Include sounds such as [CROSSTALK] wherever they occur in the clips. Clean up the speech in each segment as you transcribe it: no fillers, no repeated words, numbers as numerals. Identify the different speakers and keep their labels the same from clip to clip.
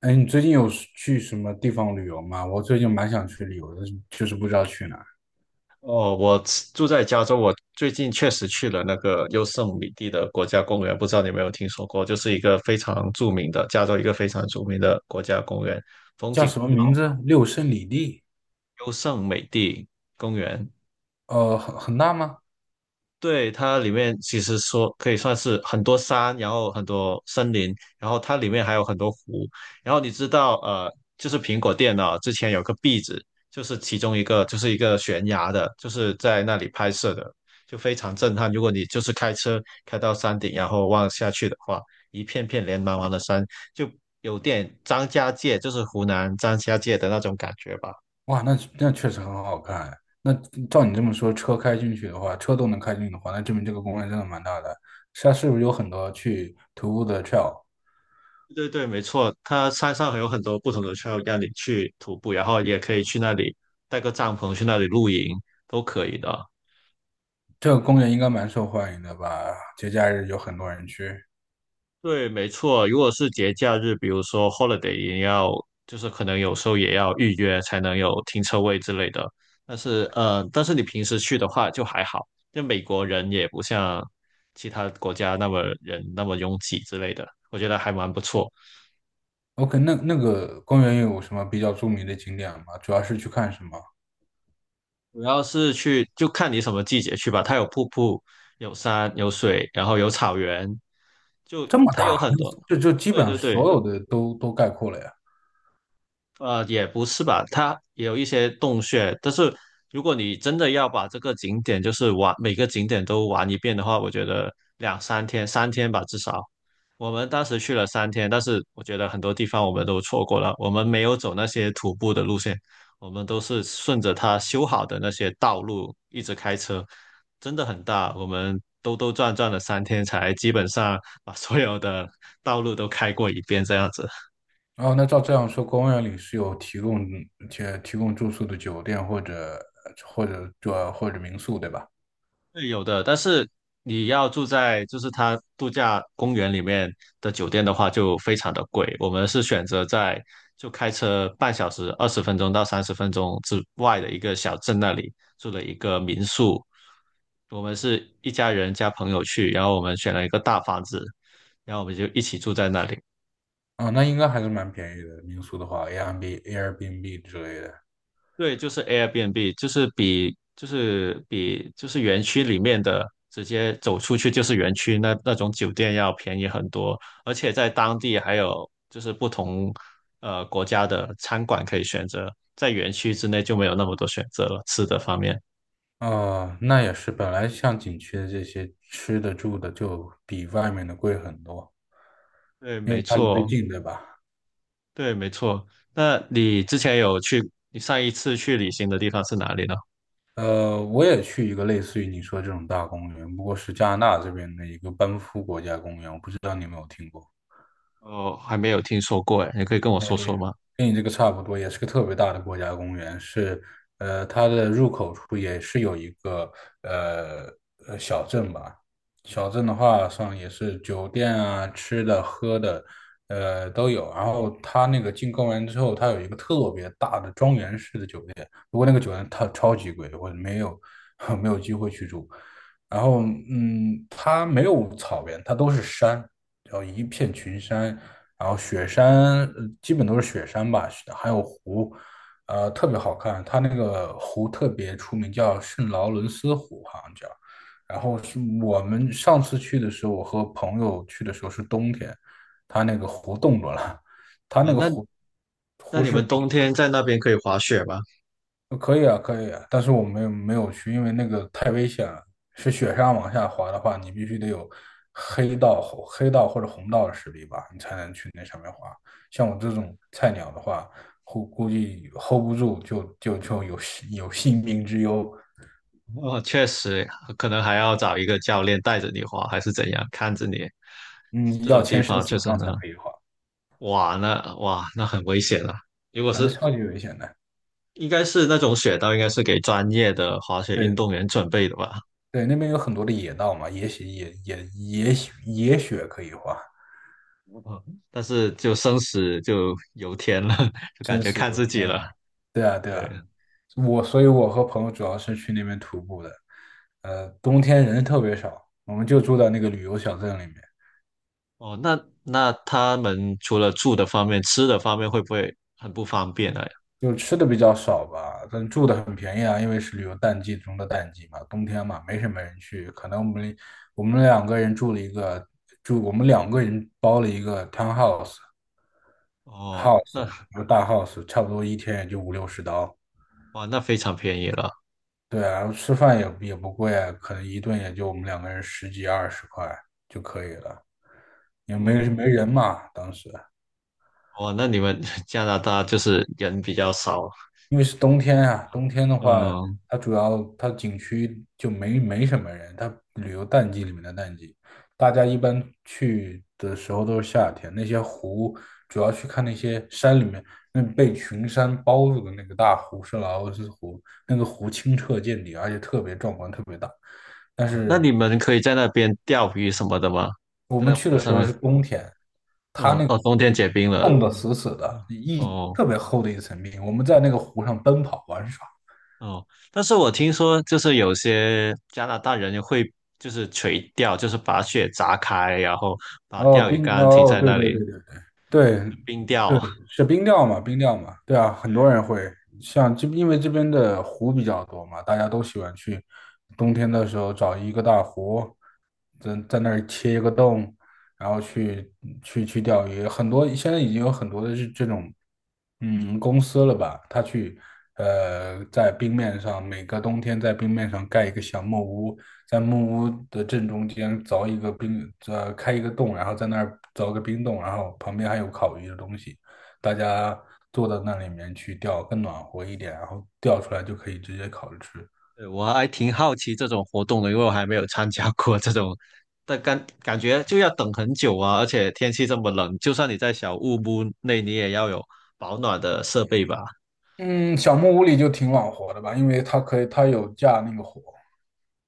Speaker 1: 哎，你最近有是去什么地方旅游吗？我最近蛮想去旅游的，就是不知道去哪儿。
Speaker 2: 哦，我住在加州，我最近确实去了那个优胜美地的国家公园，不知道你有没有听说过，就是一个非常著名的加州一个非常著名的国家公园，风
Speaker 1: 叫
Speaker 2: 景
Speaker 1: 什么名字？六胜里地。
Speaker 2: 优胜美地公园。
Speaker 1: 很大吗？
Speaker 2: 对，它里面其实说可以算是很多山，然后很多森林，然后它里面还有很多湖。然后你知道，就是苹果电脑之前有个壁纸，就是其中一个就是一个悬崖的，就是在那里拍摄的，就非常震撼。如果你就是开车开到山顶，然后望下去的话，一片片连茫茫的山，就有点张家界，就是湖南张家界的那种感觉吧。
Speaker 1: 哇，那确实很好看哎。那照你这么说，车开进去的话，车都能开进去的话，那证明这个公园真的蛮大的。它是不是有很多去徒步的 trail？
Speaker 2: 对对，没错，它山上还有很多不同的 trail 让你去徒步，然后也可以去那里带个帐篷去那里露营，都可以的。
Speaker 1: 这个公园应该蛮受欢迎的吧？节假日有很多人去。
Speaker 2: 对，没错，如果是节假日，比如说 holiday，也要就是可能有时候也要预约才能有停车位之类的。但是但是你平时去的话就还好，就美国人也不像其他国家那么人那么拥挤之类的，我觉得还蛮不错。
Speaker 1: OK，那那个公园有什么比较著名的景点吗？主要是去看什么？
Speaker 2: 主要是去就看你什么季节去吧，它有瀑布、有山、有水，然后有草原，就
Speaker 1: 这么
Speaker 2: 它有
Speaker 1: 大，
Speaker 2: 很多。
Speaker 1: 这就基
Speaker 2: 对
Speaker 1: 本上
Speaker 2: 对
Speaker 1: 所
Speaker 2: 对，
Speaker 1: 有的都概括了呀。
Speaker 2: 也不是吧，它也有一些洞穴，但是如果你真的要把这个景点就是玩，每个景点都玩一遍的话，我觉得两三天，三天吧至少。我们当时去了三天，但是我觉得很多地方我们都错过了，我们没有走那些徒步的路线，我们都是顺着它修好的那些道路一直开车，真的很大，我们兜兜转转了三天才基本上把所有的道路都开过一遍这样子。
Speaker 1: 哦，那照这样说，公园里是有提供住宿的酒店或者民宿，对吧？
Speaker 2: 对，有的，但是你要住在就是它度假公园里面的酒店的话，就非常的贵。我们是选择在就开车半小时、20分钟到30分钟之外的一个小镇那里住了一个民宿。我们是一家人加朋友去，然后我们选了一个大房子，然后我们就一起住在那里。
Speaker 1: 啊，那应该还是蛮便宜的。民宿的话，Airbnb 之类的。
Speaker 2: 对，就是 Airbnb，就是比就是园区里面的直接走出去就是园区那种酒店要便宜很多，而且在当地还有就是不同国家的餐馆可以选择，在园区之内就没有那么多选择了，吃的方面。
Speaker 1: 啊，那也是，本来像景区的这些吃的住的就比外面的贵很多，
Speaker 2: 对，
Speaker 1: 因
Speaker 2: 没
Speaker 1: 为它离得
Speaker 2: 错，
Speaker 1: 近，对吧？
Speaker 2: 对，没错。那你之前有去，你上一次去旅行的地方是哪里呢？
Speaker 1: 我也去一个类似于你说这种大公园，不过是加拿大这边的一个班夫国家公园，我不知道你有没有听过。
Speaker 2: 哦，还没有听说过，哎，你可以跟我说说吗？
Speaker 1: 跟你这个差不多，也是个特别大的国家公园，是它的入口处也是有一个呃小镇吧。小镇的话上也是酒店啊、吃的、喝的，都有。然后它那个进公园之后，它有一个特别大的庄园式的酒店，不过那个酒店它超级贵，我没有 [LAUGHS] 没有机会去住。然后它没有草原，它都是山，叫一片群山，然后基本都是雪山吧，还有湖，特别好看。它那个湖特别出名，叫圣劳伦斯湖，好像叫。然后是我们上次去的时候，我和朋友去的时候是冬天，它那个湖冻住了，它
Speaker 2: 呃，
Speaker 1: 那个
Speaker 2: 那
Speaker 1: 湖。
Speaker 2: 那你们冬天在那边可以滑雪吗？
Speaker 1: 可以啊，可以啊，但是我没有去，因为那个太危险了。是雪山往下滑的话，你必须得有黑道、黑道或者红道的实力吧，你才能去那上面滑。像我这种菜鸟的话，估计 hold 不住，就有性命之忧。
Speaker 2: 哦，确实，可能还要找一个教练带着你滑，还是怎样，看着你。
Speaker 1: 嗯，
Speaker 2: 这
Speaker 1: 要
Speaker 2: 种地
Speaker 1: 签生
Speaker 2: 方确
Speaker 1: 死
Speaker 2: 实
Speaker 1: 状
Speaker 2: 很
Speaker 1: 才
Speaker 2: 好，
Speaker 1: 可以滑，
Speaker 2: 哇，那很危险啊！如果
Speaker 1: 啊，那
Speaker 2: 是，
Speaker 1: 超级危险的。
Speaker 2: 应该是那种雪道，应该是给专业的滑雪运
Speaker 1: 对
Speaker 2: 动员准备的吧？
Speaker 1: 对，那边有很多的野道嘛，也许也也也许也许可以滑，
Speaker 2: 嗯但是就生死就由天了，[LAUGHS] 就感
Speaker 1: 真
Speaker 2: 觉
Speaker 1: 是
Speaker 2: 看
Speaker 1: 我
Speaker 2: 自
Speaker 1: 天
Speaker 2: 己了。
Speaker 1: 呐！对啊，对啊。
Speaker 2: 对，
Speaker 1: 我，所以我和朋友主要是去那边徒步的。冬天人特别少，我们就住在那个旅游小镇里面，
Speaker 2: 哦，那他们除了住的方面，吃的方面会不会很不方便呢？
Speaker 1: 就吃的比较少吧，但住的很便宜啊，因为是旅游淡季中的淡季嘛，冬天嘛，没什么人去。可能我们两个人住了一个住，我们两个人包了一个 townhouse
Speaker 2: 哦，
Speaker 1: house，然后大 house，差不多一天也就五六十刀。
Speaker 2: 哇，那非常便宜了。
Speaker 1: 对啊，吃饭也不贵啊，可能一顿也就我们两个人十几二十块就可以了，也没
Speaker 2: 嗯。
Speaker 1: 人嘛。当时
Speaker 2: 哇，那你们 [LAUGHS] 加拿大就是人比较少，
Speaker 1: 因为是冬天啊，冬天的话，
Speaker 2: 嗯，
Speaker 1: 它主要它景区就没什么人，它旅游淡季里面的淡季，大家一般去的时候都是夏天。那些湖主要去看那些山里面那被群山包住的那个大湖是劳尔斯湖，那个湖清澈见底，而且特别壮观，特别大。但嗯
Speaker 2: 哦那你
Speaker 1: 是
Speaker 2: 们可以在那边钓鱼什么的吗？
Speaker 1: 我们
Speaker 2: 在
Speaker 1: 去
Speaker 2: 湖
Speaker 1: 的时
Speaker 2: 上
Speaker 1: 候
Speaker 2: 面，
Speaker 1: 是冬天，它
Speaker 2: 哦
Speaker 1: 那个
Speaker 2: 哦，冬天
Speaker 1: 湖
Speaker 2: 结冰了，
Speaker 1: 冻得死死的，一
Speaker 2: 哦
Speaker 1: 特别厚的一层冰。我们在那个湖上奔跑玩耍。
Speaker 2: 哦，但是我听说就是有些加拿大人会就是垂钓，就是把雪砸开，然后把
Speaker 1: 哦，
Speaker 2: 钓鱼
Speaker 1: 冰，
Speaker 2: 竿停
Speaker 1: 哦，
Speaker 2: 在
Speaker 1: 对
Speaker 2: 那
Speaker 1: 对对
Speaker 2: 里
Speaker 1: 对，对，
Speaker 2: 冰钓，
Speaker 1: 是冰钓嘛，冰钓嘛，对啊，很多
Speaker 2: [LAUGHS]
Speaker 1: 人会像这，因为这边的湖比较多嘛，大家都喜欢去冬天的时候找一个大湖，在那儿切一个洞，然后去钓鱼。很多现在已经有很多的是这种，嗯，公司了吧，他去呃在冰面上每个冬天在冰面上盖一个小木屋，在木屋的正中间凿一个冰，开一个洞，然后在那儿凿个冰洞，然后旁边还有烤鱼的东西，大家坐到那里面去钓，更暖和一点，然后钓出来就可以直接烤着吃。
Speaker 2: 对，我还挺好奇这种活动的，因为我还没有参加过这种，但感觉就要等很久啊，而且天气这么冷，就算你在小木屋内，你也要有保暖的设备吧？
Speaker 1: 嗯，小木屋里就挺暖和的吧，因为它可以，它有架那个火。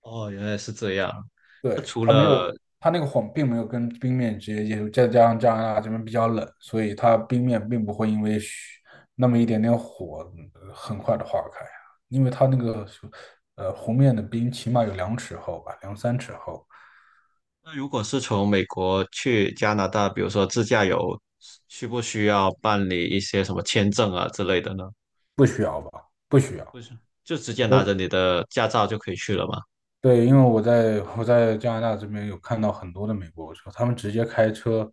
Speaker 2: 哦，原来是这样。那
Speaker 1: 对，
Speaker 2: 除
Speaker 1: 它没
Speaker 2: 了，
Speaker 1: 有，它那个火并没有跟冰面直接接触，再加上加拿大这边比较冷，所以它冰面并不会因为那么一点点火很快的化开啊，因为它那个湖面的冰起码有2尺厚吧，两三尺厚，
Speaker 2: 那如果是从美国去加拿大，比如说自驾游，需不需要办理一些什么签证啊之类的呢？
Speaker 1: 不需要吧？不需要。
Speaker 2: 不是，就直接
Speaker 1: 那
Speaker 2: 拿着你的驾照就可以去了吗？
Speaker 1: 对，因为我在加拿大这边有看到很多的美国车，他们直接开车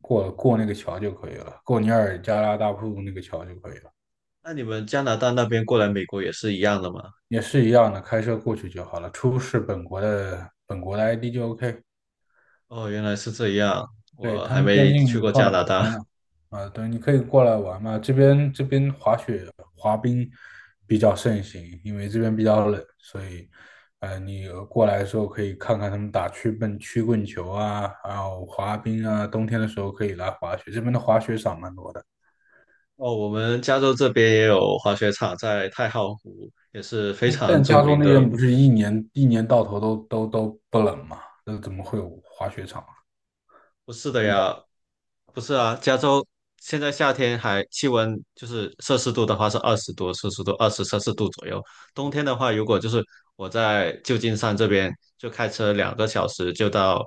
Speaker 1: 过那个桥就可以了，过尼亚加拉大瀑布那个桥就可以了。
Speaker 2: 那你们加拿大那边过来美国也是一样的吗？
Speaker 1: 也是一样的，开车过去就好了，出示本国的 ID 就 OK。
Speaker 2: 哦，原来是这样，
Speaker 1: 对，
Speaker 2: 我
Speaker 1: 他
Speaker 2: 还
Speaker 1: 们边
Speaker 2: 没去
Speaker 1: 境
Speaker 2: 过
Speaker 1: 放
Speaker 2: 加
Speaker 1: 的
Speaker 2: 拿大。
Speaker 1: 啊，对，你可以过来玩嘛。这边滑雪比较盛行，因为这边比较冷，所以，你过来的时候可以看看他们打曲棍球啊，还有滑冰啊，冬天的时候可以来滑雪。这边的滑雪场蛮多的。
Speaker 2: [LAUGHS] 哦，我们加州这边也有滑雪场，在太浩湖也是非
Speaker 1: 哎，
Speaker 2: 常
Speaker 1: 但
Speaker 2: 著
Speaker 1: 加州
Speaker 2: 名
Speaker 1: 那
Speaker 2: 的。
Speaker 1: 边不是一年到头都不冷吗？那怎么会有滑雪场啊？
Speaker 2: 不是的呀，不是啊，加州现在夏天还气温就是摄氏度的话是20多摄氏度，20摄氏度左右。冬天的话，如果就是我在旧金山这边，就开车2个小时就到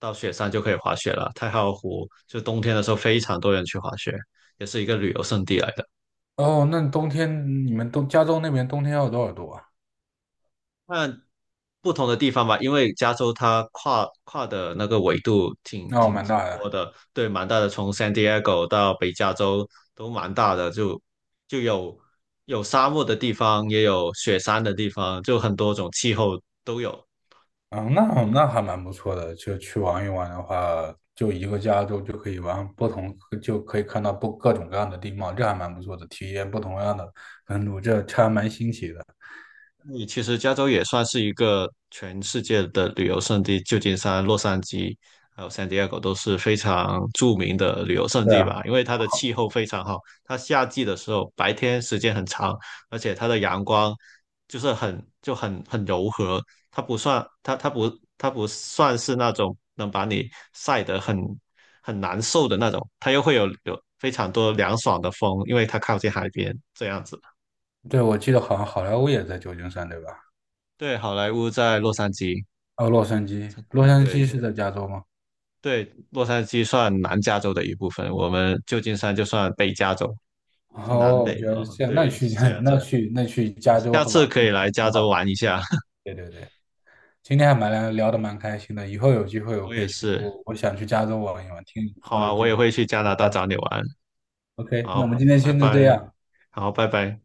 Speaker 2: 到雪山就可以滑雪了。太浩湖就冬天的时候非常多人去滑雪，也是一个旅游胜地来的。
Speaker 1: 哦，那冬天你们东加州那边冬天要多少度啊？
Speaker 2: 看不同的地方吧，因为加州它跨的那个纬度挺
Speaker 1: 哦，
Speaker 2: 挺
Speaker 1: 蛮大
Speaker 2: 多
Speaker 1: 的。
Speaker 2: 的，对，蛮大的，从 San Diego 到北加州都蛮大的，就有沙漠的地方，也有雪山的地方，就很多种气候都有。
Speaker 1: 嗯，那还蛮不错的。就去玩一玩的话，就一个加州就可以玩不同，就可以看到不各种各样的地貌，这还蛮不错的，体验不同样的温度，这还蛮新奇的。
Speaker 2: 你其实加州也算是一个全世界的旅游胜地，旧金山、洛杉矶还有 San Diego 都是非常著名的旅游胜
Speaker 1: 对
Speaker 2: 地吧，
Speaker 1: 啊，
Speaker 2: 因为它的气候非常好，它夏季的时候白天时间很长，而且它的阳光就是很就很很柔和，它不算它它不它不算是那种能把你晒得很难受的那种，它又会有非常多凉爽的风，因为它靠近海边这样子。
Speaker 1: 对，我记得好像好莱坞也在旧金山，对吧？
Speaker 2: 对，好莱坞在洛杉矶。
Speaker 1: 哦，洛杉矶，洛杉矶
Speaker 2: 对，
Speaker 1: 是在加州吗？
Speaker 2: 对，洛杉矶算南加州的一部分，我们旧金山就算北加州，就南
Speaker 1: 哦，我
Speaker 2: 北
Speaker 1: 觉
Speaker 2: 啊、
Speaker 1: 得
Speaker 2: 哦
Speaker 1: 这样，那
Speaker 2: 对，
Speaker 1: 去
Speaker 2: 是这
Speaker 1: [LAUGHS]
Speaker 2: 样
Speaker 1: 那
Speaker 2: 子，
Speaker 1: 去那去加州
Speaker 2: 下
Speaker 1: 和玩
Speaker 2: 次
Speaker 1: 儿
Speaker 2: 可以来加
Speaker 1: 挺
Speaker 2: 州
Speaker 1: 好的。
Speaker 2: 玩一下。[LAUGHS]
Speaker 1: 对对对。今天还聊得蛮开心的，以后有机会我
Speaker 2: 我
Speaker 1: 可
Speaker 2: 也
Speaker 1: 以去，
Speaker 2: 是，
Speaker 1: 我想去加州玩一玩。听你
Speaker 2: 好
Speaker 1: 说了
Speaker 2: 啊，
Speaker 1: 这，
Speaker 2: 我也会去加
Speaker 1: 我
Speaker 2: 拿大
Speaker 1: 加州。
Speaker 2: 找你玩。
Speaker 1: OK，那我
Speaker 2: 好，
Speaker 1: 们今天
Speaker 2: 拜
Speaker 1: 先就这
Speaker 2: 拜，
Speaker 1: 样。
Speaker 2: 好，拜拜。